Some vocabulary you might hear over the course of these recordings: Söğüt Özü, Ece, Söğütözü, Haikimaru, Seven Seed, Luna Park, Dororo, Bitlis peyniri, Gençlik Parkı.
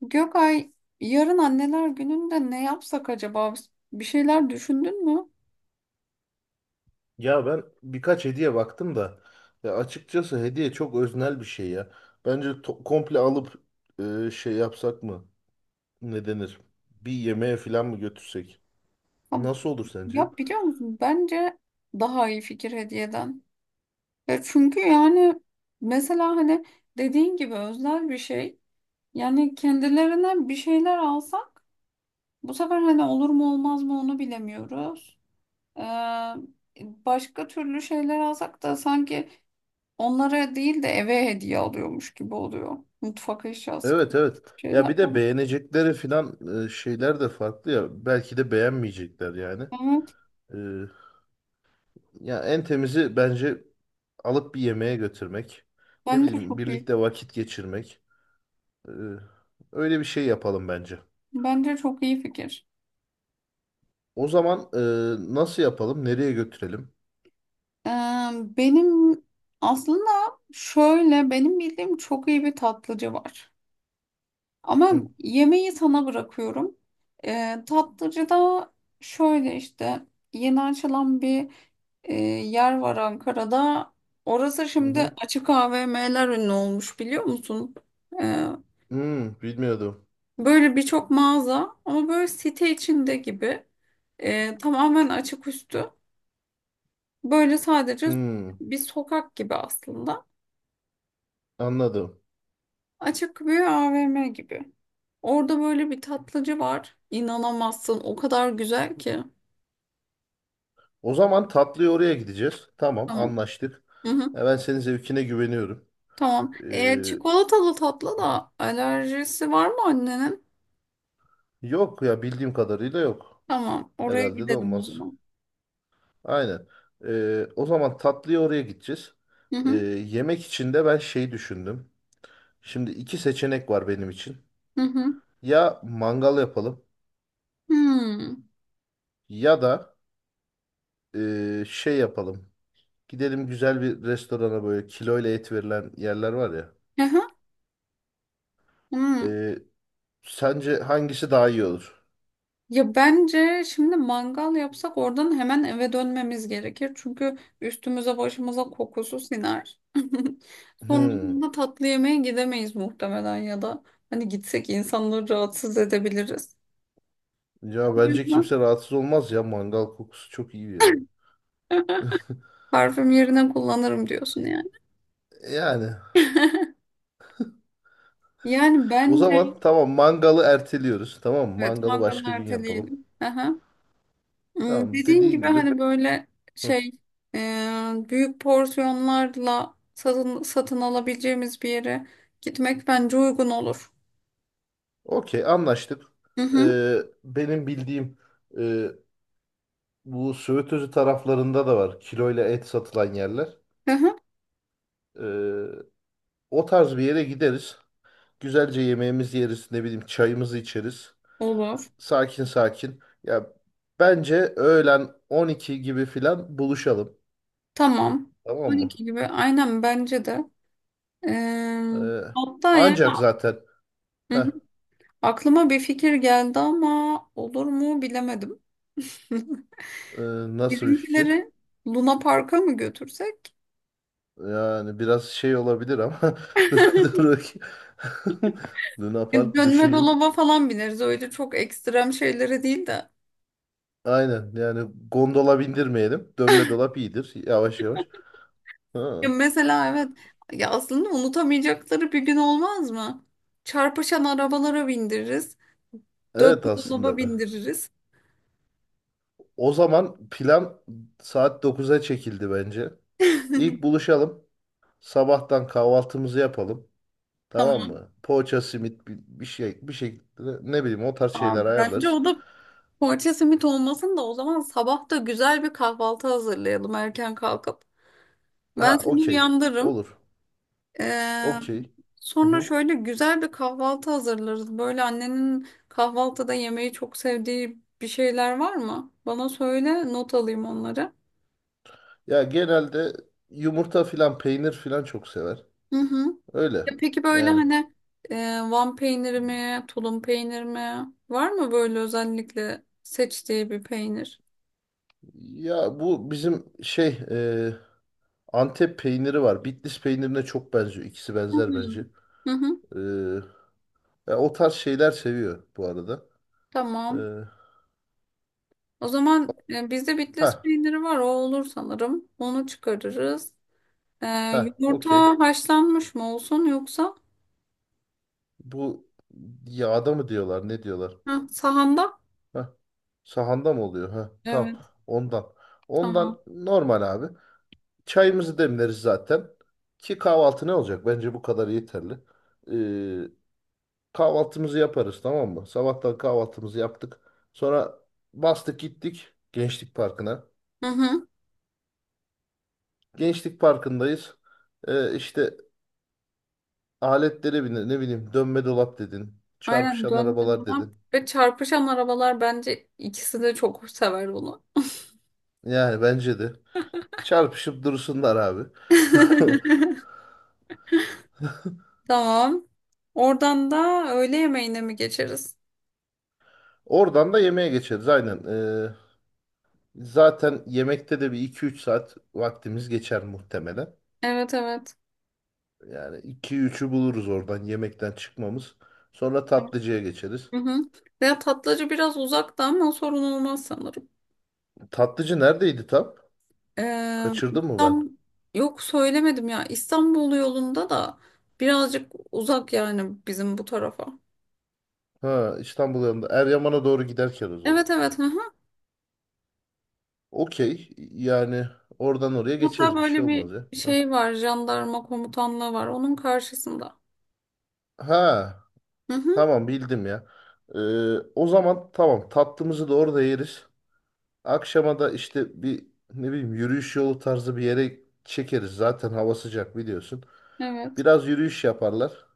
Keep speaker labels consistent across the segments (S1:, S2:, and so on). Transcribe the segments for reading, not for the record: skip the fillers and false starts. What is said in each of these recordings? S1: Gökay, yarın anneler gününde ne yapsak acaba? Bir şeyler düşündün mü?
S2: Ya ben birkaç hediye baktım da ya açıkçası hediye çok öznel bir şey ya. Bence komple alıp şey yapsak mı? Ne denir? Bir yemeğe falan mı götürsek?
S1: Ha.
S2: Nasıl olur sence?
S1: Ya biliyor musun? Bence daha iyi fikir hediyeden. Ya çünkü yani mesela hani dediğin gibi özel bir şey. Yani kendilerine bir şeyler alsak bu sefer hani olur mu olmaz mı onu bilemiyoruz. Ee, Başka türlü şeyler alsak da sanki onlara değil de eve hediye alıyormuş gibi oluyor. Mutfak eşyası
S2: Evet, evet. Ya
S1: şeyler.
S2: bir de beğenecekleri falan şeyler de farklı ya. Belki de beğenmeyecekler yani. E, Ya en temizi bence alıp bir yemeğe götürmek. Ne
S1: Bence
S2: bileyim
S1: çok iyi.
S2: birlikte vakit geçirmek. E, Öyle bir şey yapalım bence.
S1: Bence çok iyi fikir.
S2: O zaman nasıl yapalım? Nereye götürelim?
S1: Ee, Benim aslında şöyle benim bildiğim çok iyi bir tatlıcı var. Ama
S2: Hı
S1: yemeği sana bırakıyorum. Tatlıcıda şöyle işte yeni açılan bir yer var Ankara'da. Orası
S2: hı.
S1: şimdi
S2: Hı.
S1: açık AVM'ler ünlü olmuş biliyor musun? Ee,
S2: Hmm, bilmiyordum.
S1: Böyle birçok mağaza ama böyle site içinde gibi. Tamamen açık üstü. Böyle sadece
S2: Hmm,
S1: bir sokak gibi aslında.
S2: anladım.
S1: Açık bir AVM gibi. Orada böyle bir tatlıcı var. İnanamazsın. O kadar güzel ki.
S2: O zaman tatlıya oraya gideceğiz. Tamam,
S1: Tamam.
S2: anlaştık.
S1: Hı hı.
S2: Ya ben senin zevkine güveniyorum.
S1: Tamam.
S2: Ee,
S1: E, çikolatalı tatlı da alerjisi var mı annenin?
S2: Yok ya bildiğim kadarıyla yok.
S1: Tamam. Oraya
S2: Herhalde de
S1: gidelim o
S2: olmaz.
S1: zaman.
S2: Aynen. O zaman tatlıya oraya gideceğiz.
S1: Hı hı.
S2: Yemek için de ben şey düşündüm. Şimdi iki seçenek var benim için.
S1: Hı hı.
S2: Ya mangal yapalım
S1: Hmm.
S2: ya da şey yapalım. Gidelim güzel bir restorana, böyle kiloyla et verilen yerler var ya.
S1: Hı hı. Hmm.
S2: Ee, Sence hangisi daha iyi olur?
S1: Ya bence şimdi mangal yapsak oradan hemen eve dönmemiz gerekir. Çünkü üstümüze başımıza kokusu siner.
S2: Hmm.
S1: Sonrasında tatlı yemeğe gidemeyiz muhtemelen ya da hani gitsek insanları rahatsız edebiliriz. O
S2: Ya bence
S1: yüzden
S2: kimse rahatsız olmaz ya, mangal kokusu çok iyi yani.
S1: parfüm yerine kullanırım diyorsun yani.
S2: Yani
S1: Yani
S2: o
S1: bence
S2: zaman tamam, mangalı erteliyoruz. Tamam mı?
S1: evet,
S2: Mangalı
S1: mangalı
S2: başka gün yapalım.
S1: erteleyelim. Aha. Hmm,
S2: Tamam,
S1: dediğin
S2: dediğin
S1: gibi
S2: gibi.
S1: hani böyle
S2: Hı.
S1: şey e, büyük porsiyonlarla satın alabileceğimiz bir yere gitmek bence uygun olur.
S2: Okey, anlaştık.
S1: Hı hı.
S2: Ee, Benim bildiğim e, bu Söğütözü taraflarında da var kiloyla et satılan yerler.
S1: Hı hı.
S2: Ee, O tarz bir yere gideriz. Güzelce yemeğimizi yeriz, ne bileyim çayımızı içeriz.
S1: Olur.
S2: Sakin sakin. Ya bence öğlen 12 gibi filan buluşalım.
S1: Tamam.
S2: Tamam mı?
S1: 12 gibi aynen bence de. E,
S2: Ee,
S1: hatta yani
S2: Ancak zaten
S1: hı hı,
S2: heh,
S1: aklıma bir fikir geldi ama olur mu bilemedim.
S2: e, nasıl bir fikir?
S1: Bizimkileri Luna Park'a mı götürsek?
S2: Yani biraz şey olabilir ama dur bakayım. Luna
S1: E,
S2: Park
S1: dönme
S2: düşüneyim.
S1: dolaba falan bineriz. Öyle çok ekstrem şeylere değil de.
S2: Aynen, yani gondola bindirmeyelim. Dönme dolap iyidir, yavaş yavaş.
S1: Ya
S2: Ha.
S1: mesela evet, ya aslında unutamayacakları bir gün olmaz mı? Çarpışan arabalara bindiririz. Dönme
S2: Evet,
S1: dolaba
S2: aslında.
S1: bindiririz.
S2: O zaman plan saat 9'a çekildi bence. İlk buluşalım. Sabahtan kahvaltımızı yapalım. Tamam
S1: Tamam.
S2: mı? Poğaça, simit bir şey bir şekilde, ne bileyim o tarz
S1: Aa,
S2: şeyler
S1: bence
S2: ayarlarız.
S1: o da poğaça simit olmasın da o zaman sabah da güzel bir kahvaltı hazırlayalım erken kalkıp. Ben
S2: Ha,
S1: seni
S2: okey.
S1: uyandırırım.
S2: Olur.
S1: Ee,
S2: Okey. Hı
S1: Sonra
S2: hı.
S1: şöyle güzel bir kahvaltı hazırlarız. Böyle annenin kahvaltıda yemeği çok sevdiği bir şeyler var mı? Bana söyle not alayım onları.
S2: Ya genelde yumurta filan, peynir filan çok sever.
S1: Hı hı.
S2: Öyle.
S1: Ya peki böyle
S2: Yani
S1: hani e, Van peyniri mi, tulum peyniri mi? Var mı böyle özellikle seçtiği bir peynir?
S2: ya bu bizim şey Antep peyniri var. Bitlis peynirine çok benziyor. İkisi
S1: Hı
S2: benzer
S1: hı.
S2: bence.
S1: Hı hı.
S2: E, Ya o tarz şeyler seviyor bu arada. E,
S1: Tamam. O zaman bizde
S2: ha,
S1: Bitlis peyniri var. O olur sanırım. Onu çıkarırız. E,
S2: ha okey.
S1: Yumurta haşlanmış mı olsun yoksa?
S2: Bu yağda mı diyorlar, ne diyorlar?
S1: Hı, sahanda?
S2: Heh. Sahanda mı oluyor? Heh. Tamam,
S1: Evet,
S2: ondan.
S1: tamam.
S2: Ondan normal abi. Çayımızı demleriz zaten. Ki kahvaltı ne olacak? Bence bu kadar yeterli. Ee, Kahvaltımızı yaparız, tamam mı? Sabahtan kahvaltımızı yaptık. Sonra bastık gittik Gençlik Parkı'na.
S1: Hı hı.
S2: Gençlik Parkı'ndayız. İşte aletlere bindin, ne bileyim dönme dolap dedin.
S1: Aynen,
S2: Çarpışan
S1: dönme
S2: arabalar
S1: dolap
S2: dedin.
S1: ve çarpışan arabalar bence ikisi de çok sever bunu.
S2: Yani bence de. Çarpışıp dursunlar abi.
S1: Tamam. Oradan da öğle yemeğine mi geçeriz?
S2: Oradan da yemeğe geçeriz aynen. Zaten yemekte de bir iki üç saat vaktimiz geçer muhtemelen.
S1: Evet, evet.
S2: Yani iki üçü buluruz oradan yemekten çıkmamız. Sonra tatlıcıya geçeriz.
S1: Hı hı. Ya tatlıcı biraz uzakta ama sorun olmaz sanırım.
S2: Tatlıcı neredeydi tam? Kaçırdım mı ben?
S1: İstanbul... Yok, söylemedim ya. İstanbul yolunda da birazcık uzak yani bizim bu tarafa.
S2: Ha, İstanbul yanında. Eryaman'a doğru giderken o zaman.
S1: Evet, evet. Hı hı.
S2: Okey. Yani oradan oraya
S1: Hatta
S2: geçeriz. Bir şey
S1: böyle bir
S2: olmaz ya. Ha,
S1: şey var. Jandarma komutanlığı var. Onun karşısında.
S2: ha,
S1: Hı hı.
S2: tamam bildim ya. Ee, O zaman tamam, tatlımızı da orada yeriz. Akşama da işte bir, ne bileyim yürüyüş yolu tarzı bir yere çekeriz. Zaten hava sıcak, biliyorsun.
S1: Evet.
S2: Biraz yürüyüş yaparlar.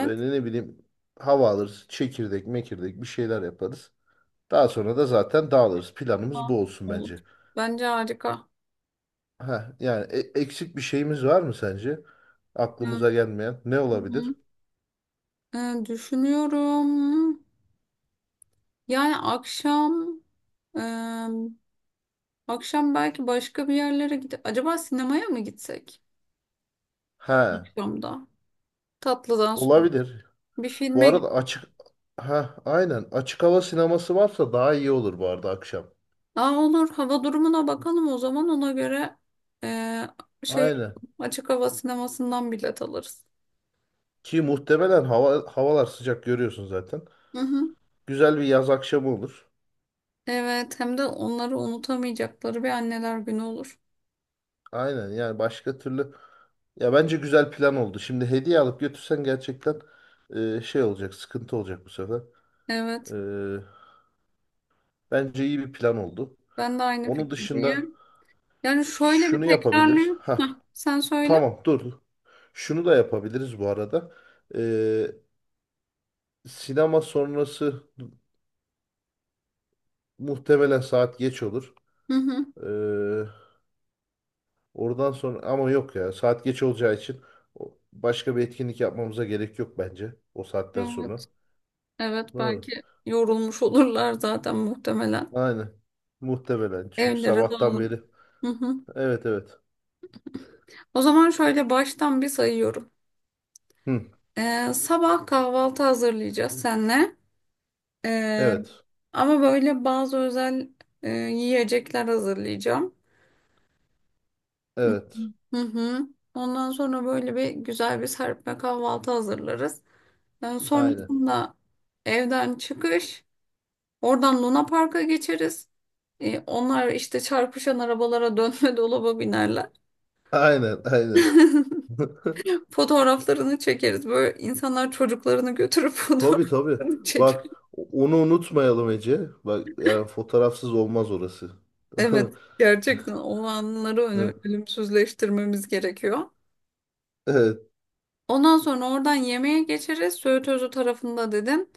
S2: Ve ne bileyim hava alırız. Çekirdek mekirdek bir şeyler yaparız. Daha sonra da zaten dağılırız. Planımız
S1: Ha,
S2: bu olsun
S1: olur.
S2: bence.
S1: Bence harika.
S2: Ha, yani eksik bir şeyimiz var mı sence? Aklımıza
S1: Hı
S2: gelmeyen ne olabilir?
S1: hı. Düşünüyorum. Yani akşam em, akşam belki başka bir yerlere gidip acaba sinemaya mı gitsek?
S2: Ha,
S1: Akşamda. Tatlıdan sonra.
S2: olabilir.
S1: Bir
S2: Bu
S1: filme git-
S2: arada açık, ha aynen açık hava sineması varsa daha iyi olur bu arada akşam.
S1: Aa, olur. Hava durumuna bakalım o zaman ona göre e, şey,
S2: Aynen.
S1: açık hava sinemasından bilet alırız.
S2: Ki muhtemelen havalar sıcak, görüyorsun zaten.
S1: Hı hı.
S2: Güzel bir yaz akşamı olur.
S1: Evet, hem de onları unutamayacakları bir anneler günü olur.
S2: Aynen, yani başka türlü ya bence güzel plan oldu. Şimdi hediye alıp götürsen gerçekten şey olacak, sıkıntı olacak bu sefer.
S1: Evet.
S2: E, Bence iyi bir plan oldu.
S1: Ben de aynı
S2: Onun dışında
S1: fikirdeyim. Yani şöyle bir
S2: şunu yapabiliriz.
S1: tekrarlayayım. Heh,
S2: Ha,
S1: sen söyle.
S2: tamam, dur. Şunu da yapabiliriz bu arada. E, Sinema sonrası muhtemelen saat geç olur.
S1: Hı hı.
S2: E, oradan sonra, ama yok ya, saat geç olacağı için başka bir etkinlik yapmamıza gerek yok bence o saatten sonra.
S1: Evet. Evet,
S2: Doğru.
S1: belki yorulmuş olurlar zaten muhtemelen.
S2: Aynen. Muhtemelen çünkü
S1: Evlere
S2: sabahtan
S1: dağılır.
S2: beri.
S1: Hı hı.
S2: Evet, evet.
S1: O zaman şöyle baştan bir sayıyorum.
S2: Hı.
S1: Sabah kahvaltı hazırlayacağız seninle. Ee,
S2: Evet.
S1: Ama böyle bazı özel yiyecekler hazırlayacağım.
S2: Evet.
S1: Hı hı. Ondan sonra böyle bir güzel bir serpme kahvaltı hazırlarız.
S2: Aynen.
S1: Sonrasında evden çıkış, oradan Luna Park'a geçeriz. Onlar işte çarpışan arabalara dönme dolaba binerler.
S2: Aynen, aynen.
S1: Fotoğraflarını çekeriz. Böyle insanlar çocuklarını götürüp
S2: Tabii, tabii.
S1: fotoğraflarını çeker.
S2: Bak, onu unutmayalım Ece. Bak, yani fotoğrafsız olmaz orası.
S1: Evet, gerçekten o anları
S2: Hı.
S1: ölümsüzleştirmemiz gerekiyor.
S2: Evet.
S1: Ondan sonra oradan yemeğe geçeriz. Söğüt Özü tarafında dedin.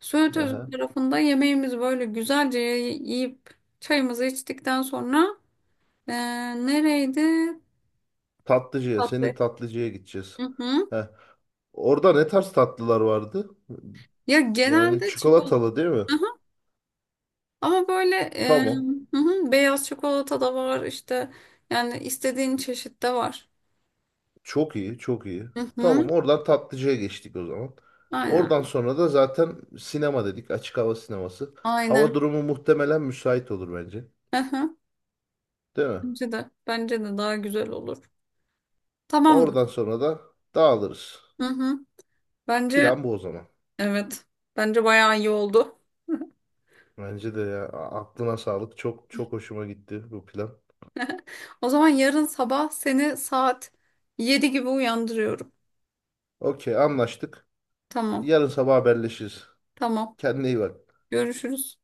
S1: Söğüt Özü
S2: Aha.
S1: tarafında yemeğimizi böyle güzelce yiyip çayımızı içtikten sonra eee, nereydi?
S2: Tatlıcıya,
S1: Tatlı.
S2: senin tatlıcıya gideceğiz.
S1: Hı hı.
S2: Heh. Orada ne tarz tatlılar vardı?
S1: Ya
S2: Yani
S1: genelde çikolata.
S2: çikolatalı, değil mi?
S1: Ama böyle
S2: Tamam.
S1: hı hı, beyaz çikolata da var işte yani istediğin çeşit de var.
S2: Çok iyi, çok iyi.
S1: Hı hı,
S2: Tamam, oradan tatlıcıya geçtik o zaman.
S1: aynen.
S2: Oradan sonra da zaten sinema dedik, açık hava sineması. Hava
S1: Aynen.
S2: durumu muhtemelen müsait olur bence.
S1: Hı hı.
S2: Değil mi?
S1: Bence de daha güzel olur. Tamamdır.
S2: Oradan sonra da dağılırız.
S1: Hı hı. Bence
S2: Plan bu o zaman.
S1: evet. Bence bayağı iyi oldu.
S2: Bence de ya, aklına sağlık. Çok çok hoşuma gitti bu plan.
S1: O zaman yarın sabah seni saat 7 gibi uyandırıyorum.
S2: Okey, anlaştık.
S1: Tamam.
S2: Yarın sabah haberleşiriz.
S1: Tamam.
S2: Kendine iyi bak.
S1: Görüşürüz.